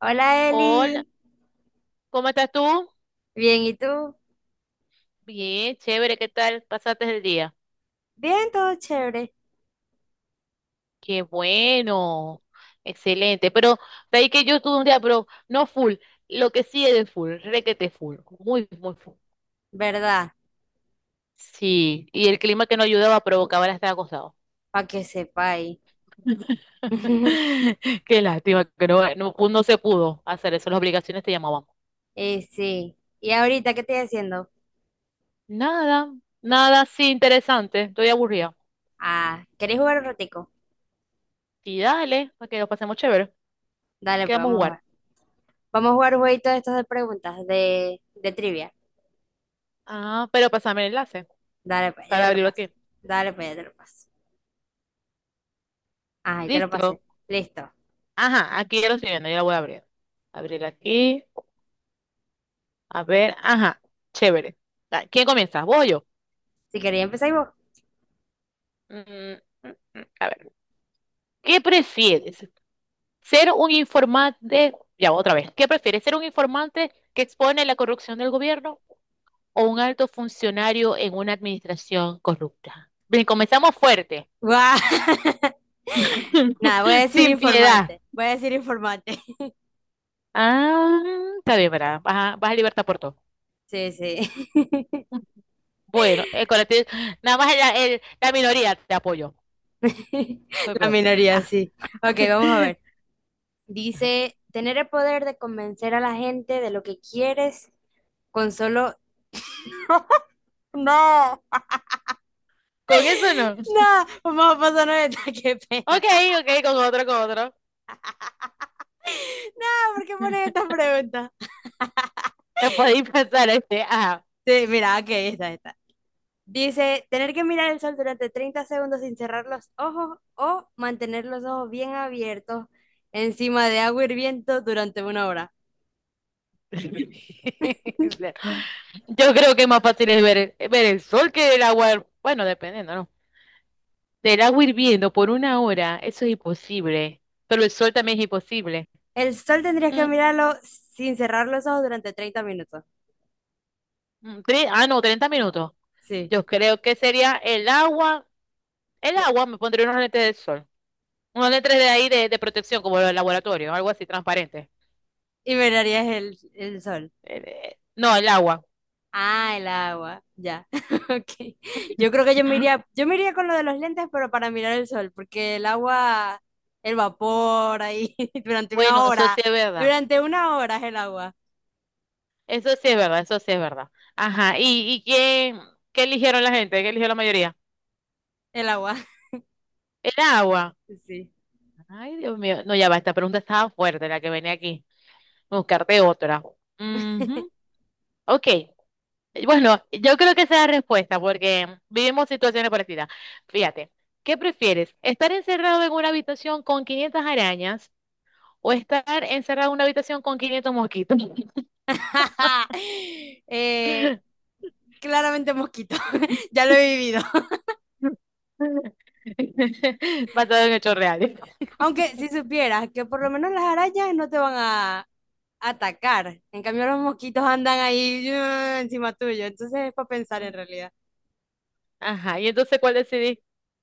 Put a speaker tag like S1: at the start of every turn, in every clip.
S1: Hola
S2: Hola,
S1: Eli,
S2: ¿cómo estás tú?
S1: bien, ¿y tú?
S2: Bien, chévere, ¿qué tal? ¿Pasaste el día?
S1: Bien, todo chévere,
S2: Qué bueno, excelente. Pero de ahí que yo estuve un día, pero no full, lo que sí es de full, requete full, muy, muy full.
S1: ¿verdad?
S2: Sí, y el clima que no ayudaba provocaba el estar acostado.
S1: Para que sepáis.
S2: Qué lástima que no, no, no se pudo hacer eso, las obligaciones te llamaban.
S1: Y sí, ¿y ahorita qué estoy haciendo?
S2: Nada, nada así interesante, estoy aburrida.
S1: Ah, ¿queréis jugar un ratico?
S2: Y dale, para que lo pasemos chévere,
S1: Dale, pues
S2: quedamos a
S1: vamos a
S2: jugar.
S1: jugar. Vamos a jugar un jueguito de estos de preguntas, de trivia.
S2: Ah, pero pásame el enlace
S1: Dale, pues ya
S2: para
S1: te lo
S2: abrirlo
S1: paso.
S2: aquí.
S1: Dale, pues ya te lo paso. Ah, ya te lo pasé.
S2: Listo.
S1: Listo.
S2: Ajá, aquí ya lo estoy viendo, ya lo voy a abrir. Abrir aquí. A ver, ajá, chévere. Ah, ¿quién comienza? ¿Vos o yo?
S1: Si queréis, empezáis vos.
S2: Mm, mm, a ver, ¿qué prefieres? ¿Ser un informante? Ya, otra vez. ¿Qué prefieres? ¿Ser un informante que expone la corrupción del gobierno o un alto funcionario en una administración corrupta? Bien, comenzamos fuerte.
S1: ¡Guau! Nada, voy a decir
S2: Sin piedad.
S1: informante. Voy a decir informante.
S2: Ah, está bien, ¿verdad? Vas a libertad por todo.
S1: Sí, sí.
S2: Bueno, el colectivo, nada más la minoría te apoyo. Fue
S1: La
S2: peor.
S1: minoría,
S2: Ah,
S1: sí. Ok, vamos a ver. Dice, tener el poder de convencer a la gente de lo que quieres con solo. No,
S2: con eso no.
S1: no, vamos a pasar esta, qué pena.
S2: Ok, ok, con otro, con otro.
S1: No, ¿por qué pones esta pregunta?
S2: Me podéis pasar este. Ajá.
S1: Sí, mira, ok, esta. Dice, tener que mirar el sol durante 30 segundos sin cerrar los ojos o mantener los ojos bien abiertos encima de agua hirviendo durante una hora.
S2: Yo creo que es más fácil es ver el sol que el agua. Bueno, dependiendo, ¿no? Del agua hirviendo por una hora, eso es imposible. Pero el sol también es imposible.
S1: El sol tendrías que
S2: Mm,
S1: mirarlo sin cerrar los ojos durante 30 minutos.
S2: no, 30 minutos.
S1: Sí.
S2: Yo creo que sería el agua. El agua, me pondría unos lentes de sol. Unos letras de ahí de protección, como el laboratorio, algo así transparente.
S1: Y mirarías el sol.
S2: No, el agua.
S1: Ah, el agua, ya. Ok. Yo creo que yo me iría con lo de los lentes, pero para mirar el sol, porque el agua, el vapor ahí, durante una
S2: Bueno, eso
S1: hora,
S2: sí es verdad.
S1: durante una hora es el agua,
S2: Eso sí es verdad, eso sí es verdad. Ajá. ¿Y qué eligieron la gente? ¿Qué eligió la mayoría?
S1: el agua.
S2: El agua.
S1: Sí.
S2: Ay, Dios mío. No, ya va, esta pregunta estaba fuerte, la que venía aquí. Buscarte otra. Ujú. Ok. Bueno, yo creo que esa es la respuesta, porque vivimos situaciones parecidas. Fíjate, ¿qué prefieres? ¿Estar encerrado en una habitación con 500 arañas o estar encerrado en una habitación con 500 mosquitos?
S1: Eh, claramente mosquito, ya lo he vivido.
S2: Basado en hechos reales.
S1: Aunque si supieras que por lo menos las arañas no te van a atacar, en cambio los mosquitos andan ahí encima tuyo, entonces es para pensar en realidad.
S2: Ajá, y entonces, ¿cuál decidí?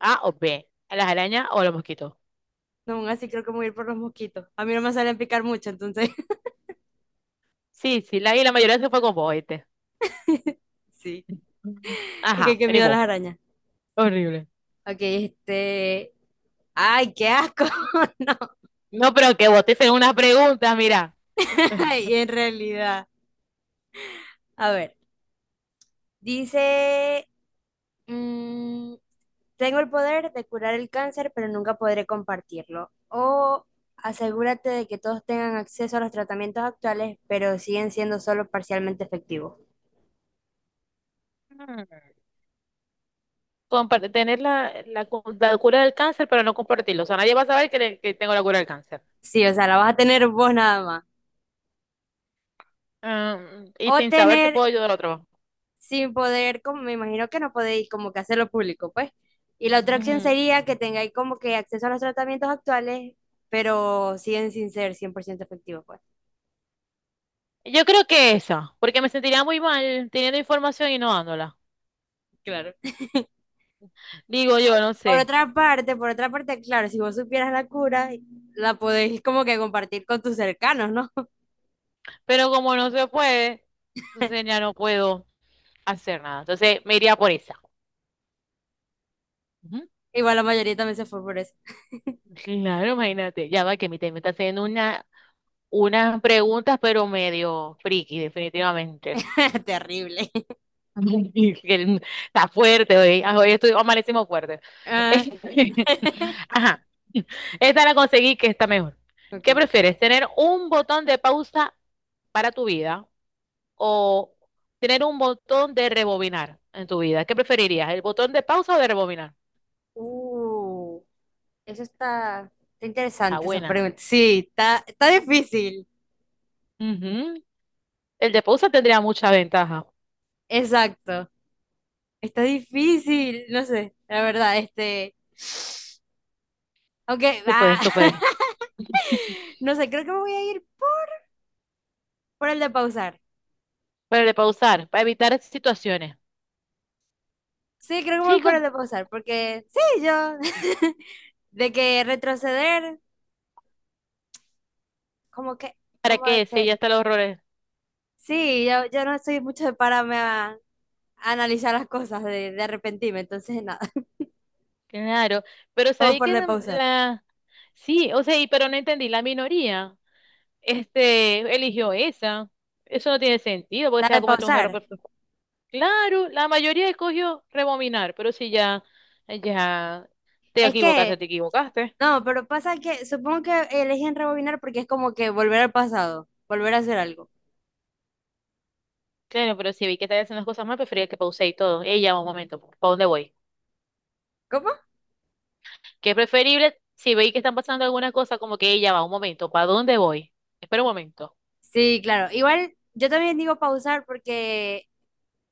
S2: ¿A o B, a las arañas o a los mosquitos?
S1: No, aún así creo que me voy a ir por los mosquitos. A mí no me salen picar mucho, entonces
S2: Sí, sí, y la mayoría se fue con vos, ¿oíste?
S1: sí. Es que
S2: Ajá,
S1: qué
S2: vení
S1: miedo a
S2: vos.
S1: las arañas.
S2: Horrible.
S1: Ok, este. Ay, qué asco. No,
S2: No, pero que vos te hicieron unas preguntas, mira.
S1: ay, en realidad. A ver, dice, mm, tengo el poder de curar el cáncer, pero nunca podré compartirlo. O asegúrate de que todos tengan acceso a los tratamientos actuales, pero siguen siendo solo parcialmente efectivos.
S2: Tener la cura del cáncer, pero no compartirlo. O sea, nadie va a saber que tengo la cura del cáncer.
S1: Sí, o sea, la vas a tener vos nada más.
S2: Ah, y
S1: O
S2: sin saber si
S1: tener
S2: puedo ayudar a otro.
S1: sin poder, como me imagino que no podéis como que hacerlo público, pues. Y la otra opción
S2: Ujú.
S1: sería que tengáis como que acceso a los tratamientos actuales, pero siguen sin ser 100% efectivos, pues.
S2: Yo creo que esa, porque me sentiría muy mal teniendo información y no dándola.
S1: Claro.
S2: Digo yo, no sé.
S1: Por otra parte, claro, si vos supieras la cura, la podéis como que compartir con tus cercanos, ¿no?
S2: Pero como no se puede, entonces ya no puedo hacer nada. Entonces me iría por esa. Ujú.
S1: Igual la mayoría también se fue por eso.
S2: Claro, imagínate. Ya va que mi tema me está haciendo unas preguntas, pero medio friki, definitivamente.
S1: Terrible.
S2: Está fuerte hoy. Ah, amanecimos fuerte.
S1: Ah,
S2: Ajá. Esta la conseguí que está mejor. ¿Qué
S1: ok.
S2: prefieres? ¿Tener un botón de pausa para tu vida o tener un botón de rebobinar en tu vida? ¿Qué preferirías? ¿El botón de pausa o de rebobinar?
S1: Uh, eso está
S2: Está
S1: interesante esa
S2: buena.
S1: pregunta. Sí, está difícil.
S2: Ujú. El de pausa tendría mucha ventaja.
S1: Exacto. Está difícil, no sé, la verdad, este. Ok,
S2: Tú
S1: va.
S2: puedes, tú puedes.
S1: No sé, creo que me voy a ir por el de pausar.
S2: Pero el de pausar, para evitar esas situaciones.
S1: Sí, creo que me voy por
S2: Chicos,
S1: el de pausar, porque sí, yo. De que retroceder, como que,
S2: ¿para
S1: como de
S2: qué? Sí, ya
S1: que.
S2: están los errores.
S1: Sí, yo no soy mucho de pararme a analizar las cosas, de arrepentirme, entonces nada.
S2: Claro, pero
S1: Vamos
S2: sabí
S1: por el
S2: que
S1: de
S2: la,
S1: pausar.
S2: la- Sí, o sea, y, pero no entendí, la minoría, este, eligió esa. Eso no tiene sentido, porque
S1: La
S2: se va a
S1: de
S2: cometer un
S1: pausar.
S2: error. Claro, la mayoría escogió rebobinar, pero si ya, te
S1: Es
S2: equivocaste,
S1: que,
S2: te equivocaste.
S1: no, pero pasa que supongo que eligen rebobinar porque es como que volver al pasado, volver a hacer algo.
S2: Claro, pero si vi que estás haciendo las cosas mal, prefería que pausé y todo. Ella va un momento, ¿para dónde voy?
S1: ¿Cómo?
S2: Que es preferible, si veis que están pasando alguna cosa, como que ella va un momento, ¿para dónde voy? Espera un momento.
S1: Sí, claro. Igual yo también digo pausar porque,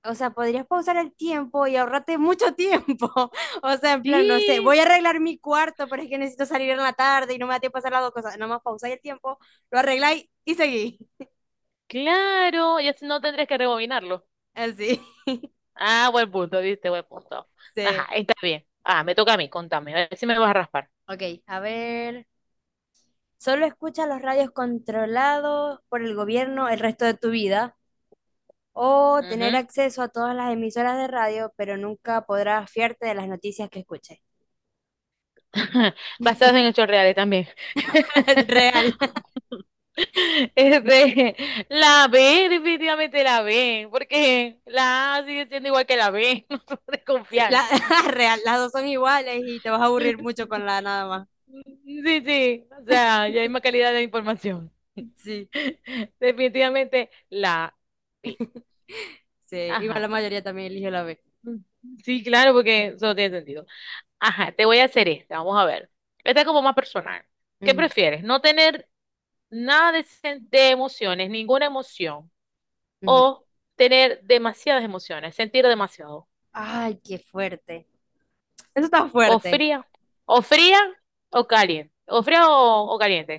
S1: o sea, podrías pausar el tiempo y ahorrarte mucho tiempo. O sea, en plan, no sé,
S2: Sí,
S1: voy a arreglar mi cuarto, pero es que necesito salir en la tarde y no me da tiempo a hacer las dos cosas. Nada más pausáis el tiempo, lo arregláis y seguís.
S2: claro, ya no tendrías que rebobinarlo.
S1: Así.
S2: Ah, buen punto, viste, buen punto.
S1: Sí.
S2: Ajá, está bien. Ah, me toca a mí, contame, a ver si me vas a raspar.
S1: Ok, a ver. Solo escucha los radios controlados por el gobierno el resto de tu vida. O tener
S2: Ujú.
S1: acceso a todas las emisoras de radio, pero nunca podrás fiarte de las noticias que escuches.
S2: Basados en hechos reales también.
S1: Real.
S2: Este, la B, definitivamente la B, porque la A sigue siendo igual que la B, no se puede
S1: Sí,
S2: confiar.
S1: real, las dos son iguales y te vas a
S2: Sí,
S1: aburrir mucho con la A nada más.
S2: sí, sí, o sea, ya hay más calidad de información.
S1: Sí,
S2: Definitivamente la B.
S1: sí, igual la
S2: Ajá.
S1: mayoría también eligió la B.
S2: Sí, claro, porque eso no tiene sentido. Ajá, te voy a hacer esta, vamos a ver. Esta es como más personal. ¿Qué
S1: Ujú,
S2: prefieres? ¿No tener nada de emociones, ninguna emoción,
S1: ujú.
S2: o tener demasiadas emociones, sentir demasiado?
S1: Ay, qué fuerte. Eso está
S2: O
S1: fuerte.
S2: fría, o fría o caliente, o fría o caliente.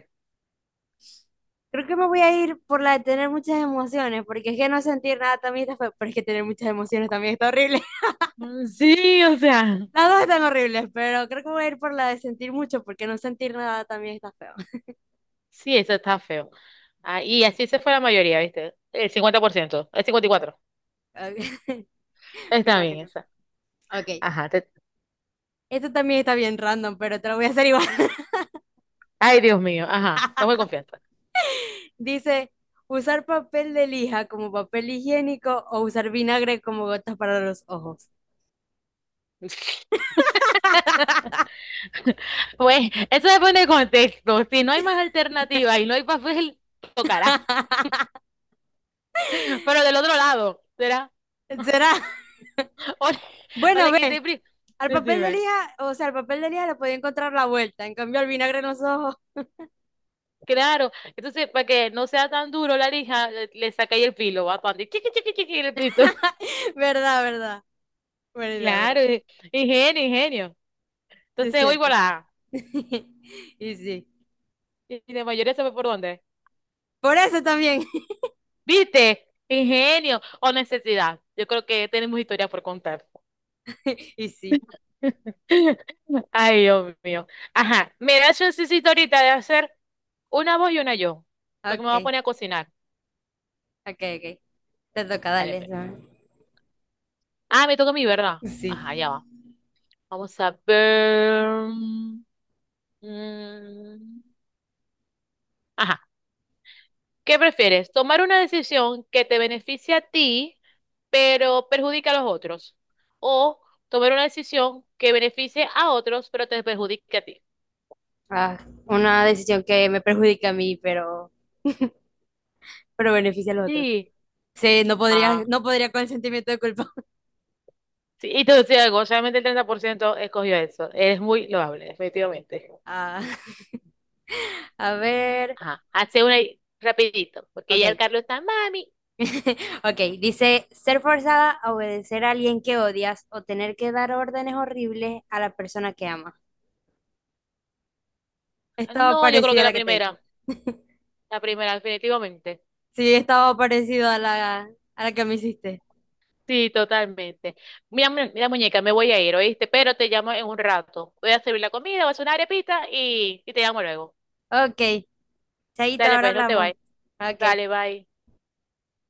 S1: Creo que me voy a ir por la de tener muchas emociones, porque es que no sentir nada también está feo, pero es que tener muchas emociones también está horrible.
S2: Sí, o sea,
S1: Las dos están horribles, pero creo que voy a ir por la de sentir mucho, porque no sentir nada también está feo.
S2: sí, eso está feo. Ah, y así se fue la mayoría, ¿viste? El 50%, el 54%.
S1: Ok, me
S2: Está bien
S1: imagino.
S2: esa.
S1: Ok,
S2: Ajá,
S1: esto también está bien random, pero te lo voy a hacer igual.
S2: ay, Dios mío, ajá, no voy confianza.
S1: Dice, usar papel de lija como papel higiénico o usar vinagre como gotas para los ojos.
S2: Pues, eso depende del contexto. Si no hay más alternativa y no hay papel, tocará. Pero del otro lado, será.
S1: ¿Será?
S2: O le, o
S1: Bueno,
S2: le
S1: ve, al papel de
S2: Decime.
S1: lija, o sea, al papel de lija le podía encontrar la vuelta, en cambio al vinagre en los ojos.
S2: Claro, entonces para que no sea tan duro la lija, le saca ahí el filo, va cuando chiqui, chiqui, chiqui, en el piso.
S1: ¿Verdad, verdad? Buena idea, ¿verdad?
S2: Claro, ingenio, ingenio.
S1: Sí, es
S2: Entonces, hoy
S1: cierto.
S2: volá.
S1: Y sí.
S2: Y de mayoría sabe por dónde.
S1: Por eso también.
S2: ¿Viste? Ingenio o necesidad. Yo creo que tenemos historia por contar.
S1: Y sí.
S2: Ay, Dios mío. Ajá, me mira, yo necesito ahorita de hacer una voz y una yo, porque me voy a
S1: Ok,
S2: poner a cocinar.
S1: ok, ok. Te toca,
S2: Dale,
S1: dale.
S2: pues.
S1: ¿Sabes?
S2: Ah, me toca a mí, ¿verdad?
S1: Sí.
S2: Ajá, ya va. Vamos a ver. Mm, Ajá. ¿Qué prefieres? ¿Tomar una decisión que te beneficie a ti, pero perjudica a los otros? ¿O tomar una decisión que beneficie a otros, pero te perjudique a ti?
S1: Ah, una decisión que me perjudica a mí, pero, pero beneficia al otro.
S2: Sí.
S1: Sí, no
S2: Ah,
S1: podría, no podría con el sentimiento de culpa.
S2: sí. Y te voy a decir algo, solamente el 30% escogió eso. Es muy loable, efectivamente.
S1: Ah, a ver,
S2: Ajá. Hace una ahí, rapidito, porque ya el
S1: ok,
S2: Carlos está, mami.
S1: ok. Dice, ser forzada a obedecer a alguien que odias o tener que dar órdenes horribles a la persona que amas. Estaba
S2: No, yo creo
S1: parecida
S2: que
S1: a la que te hice.
S2: la primera, definitivamente.
S1: Sí, estaba parecido a la que me hiciste.
S2: Sí, totalmente. Mira, muñeca, me voy a ir, ¿oíste? Pero te llamo en un rato. Voy a servir la comida, voy a hacer una arepita y te llamo luego.
S1: Ok, Chaito,
S2: Dale,
S1: ahora
S2: pues, no te
S1: hablamos.
S2: vayas.
S1: Ok.
S2: Dale, bye.